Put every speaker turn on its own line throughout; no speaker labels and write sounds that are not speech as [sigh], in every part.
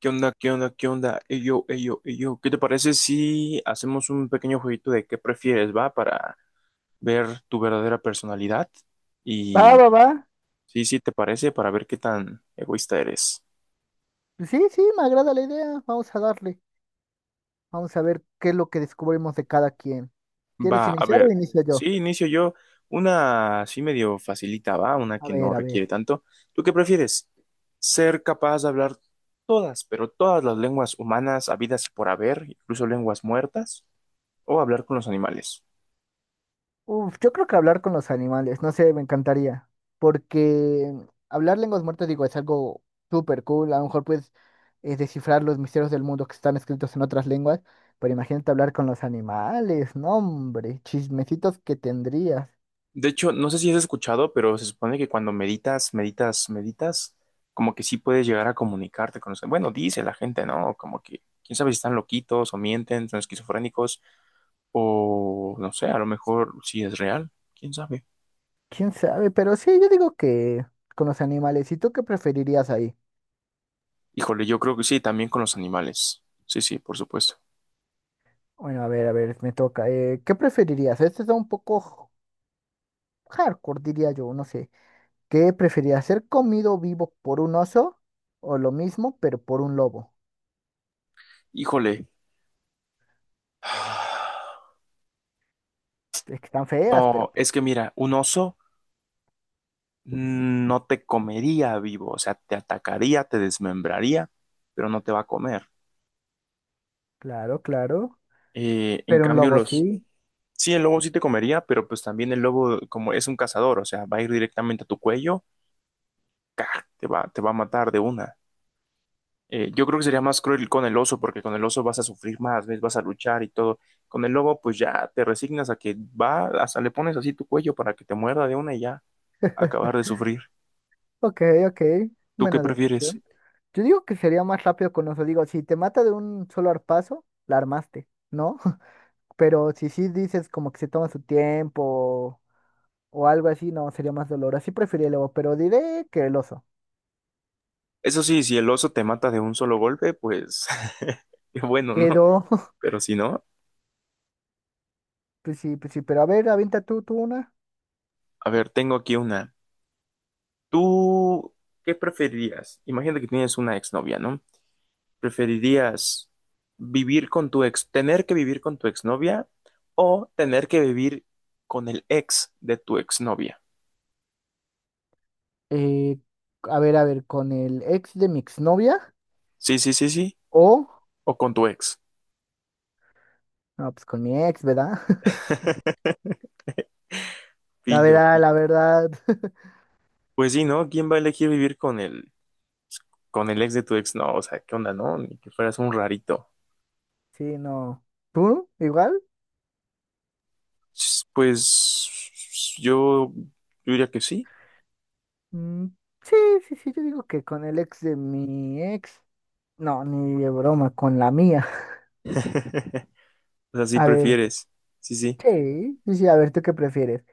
¿Qué onda? ¿Qué onda? ¿Qué onda? Ey, yo, ey, yo, ey, yo. ¿Qué te parece si hacemos un pequeño jueguito de qué prefieres, va? Para ver tu verdadera personalidad.
Va,
Y
va, va.
sí, sí, ¿te parece? Para ver qué tan egoísta eres.
Sí, sí, me agrada la idea. Vamos a darle. Vamos a ver qué es lo que descubrimos de cada quien. ¿Quieres
Va, a
iniciar o
ver.
inicio
Sí,
yo?
inicio yo. Una así medio facilita, va. Una
A
que
ver,
no
a
requiere
ver.
tanto. ¿Tú qué prefieres? ¿Ser capaz de hablar todas, pero todas las lenguas humanas habidas y por haber, incluso lenguas muertas? ¿O hablar con los animales?
Uf, yo creo que hablar con los animales, no sé, me encantaría. Porque hablar lenguas muertas, digo, es algo súper cool. A lo mejor puedes descifrar los misterios del mundo que están escritos en otras lenguas. Pero imagínate hablar con los animales, no, hombre, chismecitos que tendrías.
De hecho, no sé si has escuchado, pero se supone que cuando meditas, meditas, meditas, como que sí puedes llegar a comunicarte con los... Bueno, dice la gente, ¿no? Como que, quién sabe si están loquitos o mienten, son esquizofrénicos o no sé, a lo mejor sí es real, quién sabe.
¿Quién sabe? Pero sí, yo digo que con los animales. ¿Y tú qué preferirías ahí?
Híjole, yo creo que sí, también con los animales. Sí, sí, por supuesto.
Bueno, a ver, me toca. ¿Qué preferirías? Este está un poco hardcore, diría yo, no sé. ¿Qué preferirías? ¿Ser comido vivo por un oso o lo mismo, pero por un lobo?
Híjole. [sighs]
Es que están feas, pero
No,
pues,
es que mira, un oso no te comería vivo, o sea, te atacaría, te desmembraría, pero no te va a comer.
claro, claro.
En
Pero un
cambio,
lobo
los...
sí.
Sí, el lobo sí te comería, pero pues también el lobo, como es un cazador, o sea, va a ir directamente a tu cuello, ¡ca! Te va a matar de una. Yo creo que sería más cruel con el oso, porque con el oso vas a sufrir más, ¿ves? Vas a luchar y todo. Con el lobo, pues ya te resignas a que va, hasta le pones así tu cuello para que te muerda de una y ya, acabar
[laughs]
de sufrir.
Ok, ok.
¿Tú qué
Buena
prefieres?
deducción. Yo digo que sería más rápido con oso. Digo, si te mata de un solo arpazo, la armaste, ¿no? [laughs] Pero si sí dices como que se toma su tiempo o algo así, no, sería más dolor. Así preferiría el lobo, pero diré que el oso.
Eso sí, si el oso te mata de un solo golpe, pues [laughs] qué bueno, ¿no?
Quedó, [laughs]
Pero si no,
pues sí, pero a ver, avienta tú una.
a ver, tengo aquí una. ¿Tú qué preferirías? Imagínate que tienes una exnovia, ¿no? ¿Preferirías vivir con tu ex, tener que vivir con tu exnovia o tener que vivir con el ex de tu exnovia?
Eh, a ver, a ver, con el ex de mi exnovia
Sí, sí, sí, sí.
o,
O con tu ex.
no, pues con mi ex, ¿verdad? [laughs]
[laughs] Pillo,
La
pillo.
verdad, [laughs]
Pues sí, ¿no? ¿Quién va a elegir vivir con con el ex de tu ex? No, o sea, ¿qué onda, no? Ni que fueras un rarito.
sí, no. ¿Tú? ¿Igual?
Pues yo, yo diría que sí.
Mm, sí, sí, sí, yo digo que con el ex de mi ex, no, ni de broma, con la mía. [laughs]
[laughs] O sea, sí
A ver,
prefieres. Sí, sí.
sí, sí, sí, a ver, ¿tú qué prefieres?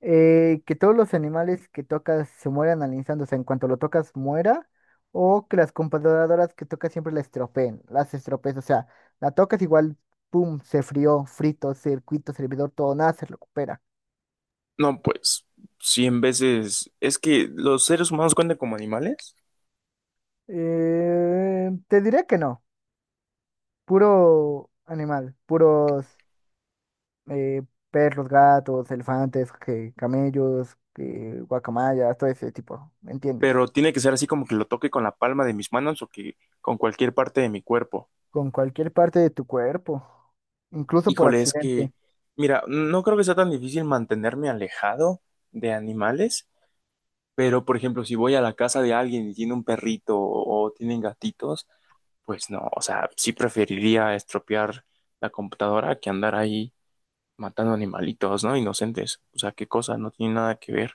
Que todos los animales que tocas se mueran al instante, o sea, en cuanto lo tocas muera, o que las computadoras que tocas siempre la estropeen, las estropees, o sea, la tocas igual, pum, se frió, frito, circuito, servidor, todo, nada se recupera.
No, pues, cien veces. Es que los seres humanos cuentan como animales,
Te diré que no, puro animal, puros eh, perros, gatos, elefantes, que, camellos, que, guacamayas, todo ese tipo, ¿me entiendes?
pero tiene que ser así como que lo toque con la palma de mis manos o que con cualquier parte de mi cuerpo.
Con cualquier parte de tu cuerpo, incluso por
Híjole,
accidente.
mira, no creo que sea tan difícil mantenerme alejado de animales, pero por ejemplo, si voy a la casa de alguien y tiene un perrito o tienen gatitos, pues no, o sea, sí preferiría estropear la computadora que andar ahí matando animalitos, ¿no? Inocentes. O sea, qué cosa, no tiene nada que ver.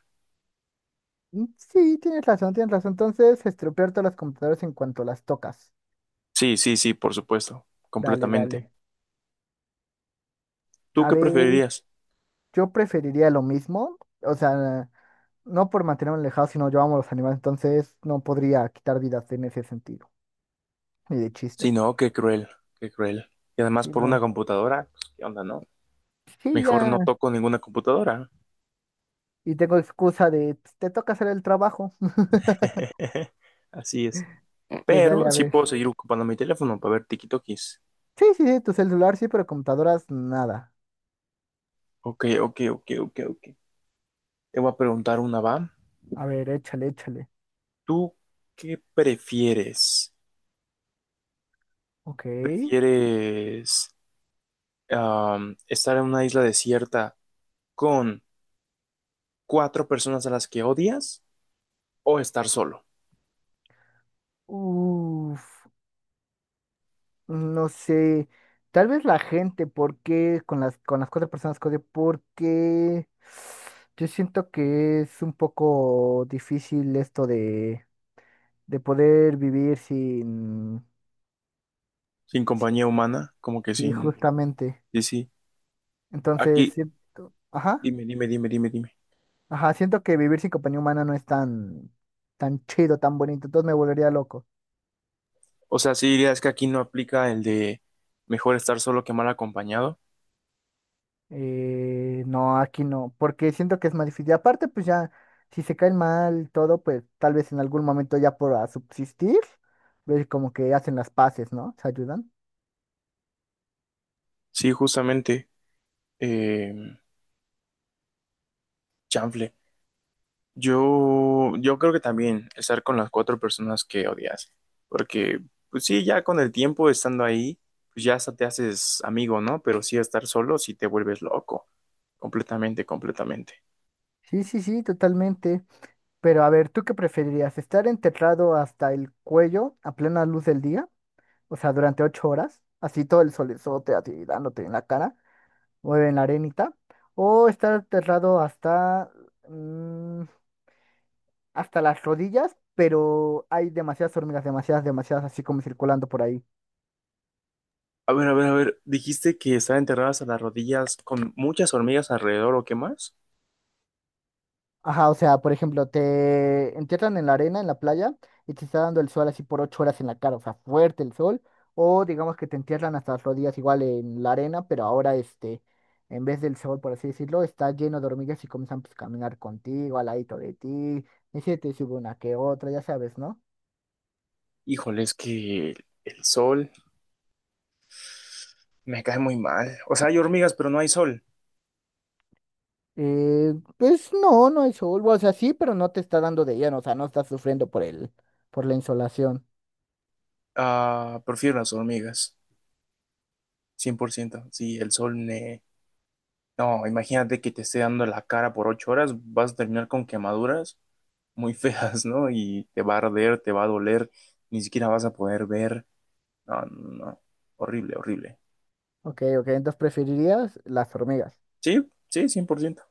Sí, tienes razón, tienes razón. Entonces, estropear todas las computadoras en cuanto las tocas.
Sí, sí, sí, por supuesto,
Dale,
completamente.
dale.
¿Tú
A
qué
ver,
preferirías?
yo preferiría lo mismo. O sea, no por mantenerme alejado, sino yo amo a los animales. Entonces, no podría quitar vidas en ese sentido. Ni de
Sí,
chiste.
no, qué cruel, qué cruel. Y además
Sí,
por una
no.
computadora, pues, ¿qué onda, no?
Sí,
Mejor
ya.
no toco ninguna computadora.
Y tengo excusa de, "Pues, te toca hacer el trabajo". [laughs]
[laughs] Así es.
Pues dale,
Pero
a
sí
ver.
puedo seguir ocupando mi teléfono para ver tikitokis.
Sí, sí, sí, tu celular sí, pero computadoras, nada.
Ok, ok, ok, ok, ok. Te voy a preguntar una, va.
A ver, échale, échale.
¿Tú qué prefieres?
Ok.
¿Prefieres estar en una isla desierta con 4 personas a las que odias o estar solo?
Uf. No sé, tal vez la gente, porque con las cuatro personas que odio, porque yo siento que es un poco difícil esto de poder vivir sin,
Sin compañía
sin-
humana, como que
sí,
sin...
justamente.
Sí, sí. Aquí,
Entonces, siento, ajá,
dime, dime, dime, dime, dime.
ajá, siento que vivir sin compañía humana no es tan chido, tan bonito, entonces me volvería loco.
O sea, sí dirías que aquí no aplica el de mejor estar solo que mal acompañado.
No, aquí no, porque siento que es más difícil. Y aparte, pues ya, si se caen mal y todo, pues tal vez en algún momento ya por a subsistir, ves como que hacen las paces, ¿no? Se ayudan.
Sí, justamente, eh, chanfle. Yo creo que también estar con las 4 personas que odias. Porque, pues sí, ya con el tiempo estando ahí, pues ya hasta te haces amigo, ¿no? Pero sí estar solo, sí te vuelves loco. Completamente, completamente.
Sí, sí, sí, totalmente. Pero a ver, ¿tú qué preferirías? ¿Estar enterrado hasta el cuello a plena luz del día? O sea, durante 8 horas, así todo el solezote a ti dándote en la cara o en la arenita. ¿O estar enterrado hasta mm, hasta las rodillas, pero hay demasiadas hormigas, demasiadas, demasiadas, así como circulando por ahí?
A ver, a ver, a ver, dijiste que estaban enterradas a las rodillas con muchas hormigas alrededor o qué más.
Ajá, o sea, por ejemplo, te entierran en la arena, en la playa, y te está dando el sol así por 8 horas en la cara, o sea, fuerte el sol, o digamos que te entierran hasta las rodillas igual en la arena, pero ahora este, en vez del sol, por así decirlo, está lleno de hormigas y comienzan pues, a caminar contigo, al ladito de ti, y se te sube una que otra, ya sabes, ¿no?
Híjole, es que el sol me cae muy mal. O sea, hay hormigas, pero no hay sol.
Pues no, no hay sol, o sea, sí, pero no te está dando de lleno, o sea, no estás sufriendo por el, por la insolación.
Ah, prefiero las hormigas, 100%. Sí, el sol me... No, imagínate que te esté dando la cara por 8 horas, vas a terminar con quemaduras muy [laughs] feas, ¿no? Y te va a arder, te va a doler, ni siquiera vas a poder ver. No, no, no. Horrible, horrible.
Ok, ok, entonces preferirías las hormigas.
Sí, sí, 100%.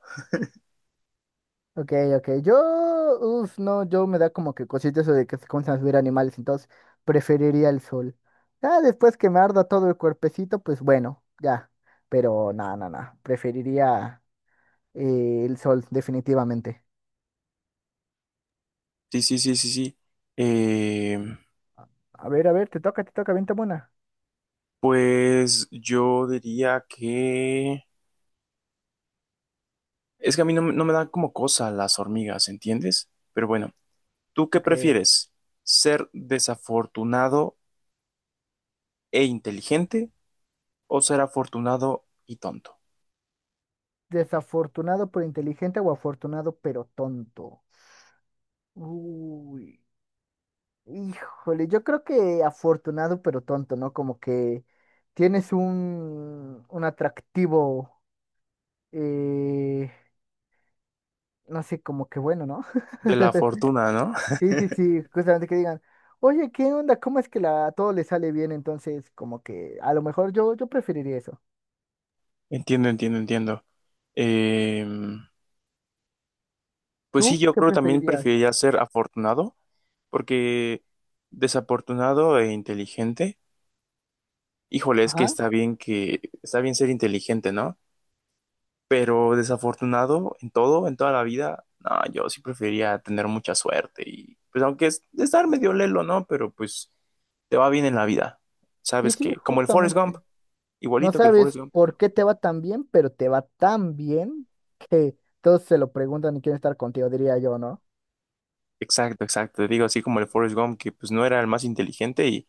Ok, ok, yo, uff, no, yo me da como que cosita eso de que se comienzan a subir animales, entonces preferiría el sol. Ya después que me arda todo el cuerpecito, pues bueno, ya, pero nada, nada, nada, preferiría el sol, definitivamente.
Sí, sí, sí, sí, sí. Eh,
A ver, te toca, vente buena.
pues yo diría que... Es que a mí no, me dan como cosa las hormigas, ¿entiendes? Pero bueno, ¿tú qué
Ok.
prefieres? ¿Ser desafortunado e inteligente o ser afortunado y tonto?
Desafortunado pero inteligente o afortunado pero tonto. Uy, híjole, yo creo que afortunado pero tonto, ¿no? Como que tienes un atractivo, eh, no sé, como que bueno, ¿no?
De la
[laughs]
fortuna, ¿no? [laughs]
Sí, sí, sí, justamente que digan, oye, ¿qué onda? ¿Cómo es que a todo le sale bien? Entonces, como que a lo mejor yo preferiría eso.
Entiendo, entiendo, entiendo. Em, pues sí,
¿Tú
yo
qué
creo que también
preferirías?
preferiría ser afortunado, porque desafortunado e inteligente. Híjole, es que
Ajá,
está bien ser inteligente, ¿no? Pero desafortunado en todo, en toda la vida, no, yo sí prefería tener mucha suerte y pues aunque es estar medio lelo, ¿no? Pero pues te va bien en la vida.
sí,
Sabes
sí,
que como el Forrest Gump,
justamente. No
igualito que el
sabes
Forrest Gump.
por qué te va tan bien, pero te va tan bien que todos se lo preguntan y quieren estar contigo, diría yo, ¿no?
Exacto, exacto. Te digo así como el Forrest Gump que pues no era el más inteligente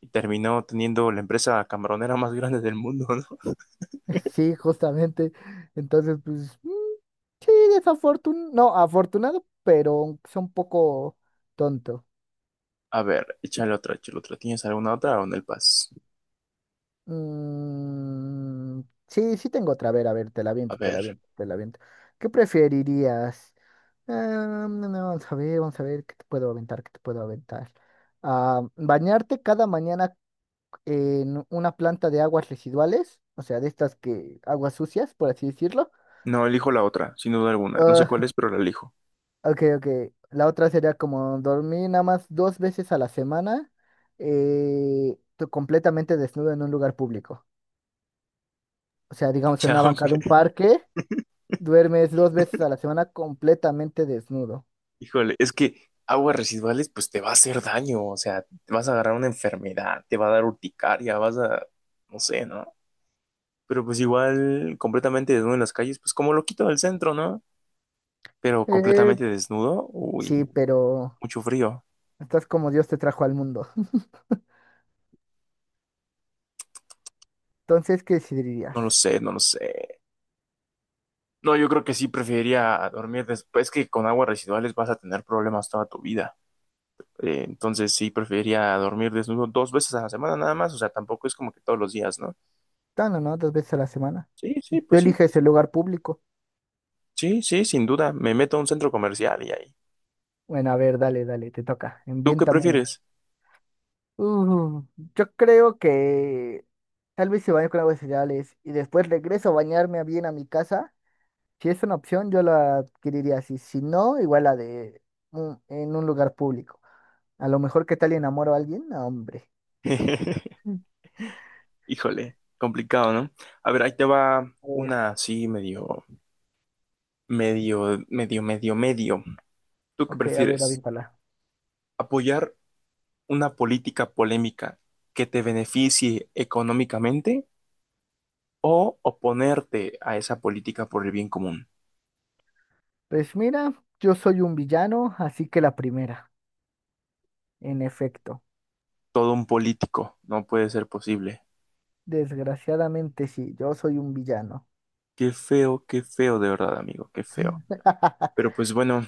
y terminó teniendo la empresa camaronera [laughs] más grande del mundo, ¿no?
[laughs] Sí, justamente. Entonces, pues, sí, desafortunado, no, afortunado, pero es un poco tonto.
A ver, échale otra, échale otra. ¿Tienes alguna otra o en el pas?
Mm, sí, sí tengo otra, a ver, te la
A
viento, te la
ver.
viento, te la viento. ¿Qué preferirías? Ah, no, no, vamos a ver, ¿qué te puedo aventar? ¿Qué te puedo aventar? Ah, ¿bañarte cada mañana en una planta de aguas residuales, o sea, de estas que aguas sucias, por así decirlo?
No, elijo la otra, sin duda alguna. No sé
Ah,
cuál es, pero la elijo.
[laughs] ok, ok. La otra sería como dormir nada más dos veces a la semana, tú completamente desnudo en un lugar público. O sea,
[laughs]
digamos en una banca de un
Chamble.
parque, duermes dos veces a la semana completamente desnudo.
Híjole, es que aguas residuales, pues te va a hacer daño. O sea, te vas a agarrar una enfermedad, te va a dar urticaria, no sé, ¿no? Pero pues igual, completamente desnudo en las calles, pues como lo quito del centro, ¿no? Pero
Eh,
completamente desnudo, uy,
sí, pero
mucho frío.
estás como Dios te trajo al mundo. [laughs] Entonces, ¿qué
No
decidirías?
lo sé, no lo sé. No, yo creo que sí preferiría dormir después que con aguas residuales vas a tener problemas toda tu vida. Entonces sí preferiría dormir desnudo 2 veces a la semana nada más, o sea, tampoco es como que todos los días, ¿no?
Tan o no, dos veces a la semana.
Sí,
Y
sí,
tú
pues sí,
eliges el lugar público.
sí, sí, sin duda, me meto a un centro comercial y ahí.
Bueno, a ver, dale, dale, te toca.
¿Tú qué
Envienta mona.
prefieres?
Uh, yo creo que tal vez se baño con aguas cereales y después regreso a bañarme bien a mi casa. Si es una opción, yo la adquiriría así. Si no, igual la de en un lugar público. A lo mejor, ¿qué tal enamoro a alguien? No, hombre.
[laughs]
Mm.
Híjole, complicado, ¿no? A ver, ahí te va
A ver,
una así medio, medio, medio, medio, medio. ¿Tú qué
ok, a ver,
prefieres?
avíntala.
¿Apoyar una política polémica que te beneficie económicamente o oponerte a esa política por el bien común?
Pues mira, yo soy un villano, así que la primera, en efecto.
Todo un político, no puede ser posible.
Desgraciadamente sí, yo soy un villano.
Qué feo, de verdad, amigo, qué feo. Pero
[laughs]
pues bueno,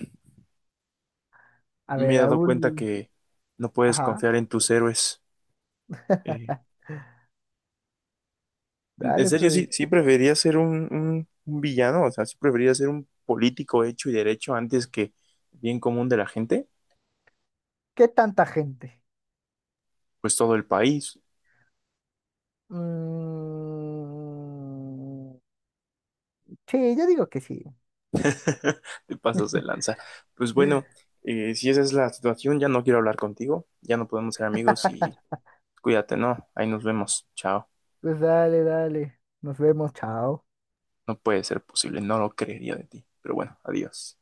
A
me
ver,
he dado cuenta
Raúl.
que no puedes
Ajá,
confiar en tus héroes. Eh, en
dale,
serio,
pues.
sí, sí preferiría ser un villano, o sea, sí preferiría ser un político hecho y derecho antes que bien común de la gente,
¿Qué tanta gente?
pues todo el país.
Mm, sí, yo digo que sí.
[laughs] Te pasas de lanza. Pues bueno, si esa es la situación, ya no quiero hablar contigo, ya no podemos ser amigos y
[laughs]
cuídate, ¿no? Ahí nos vemos, chao.
Pues dale, dale. Nos vemos, chao.
No puede ser posible, no lo creería de ti. Pero bueno, adiós.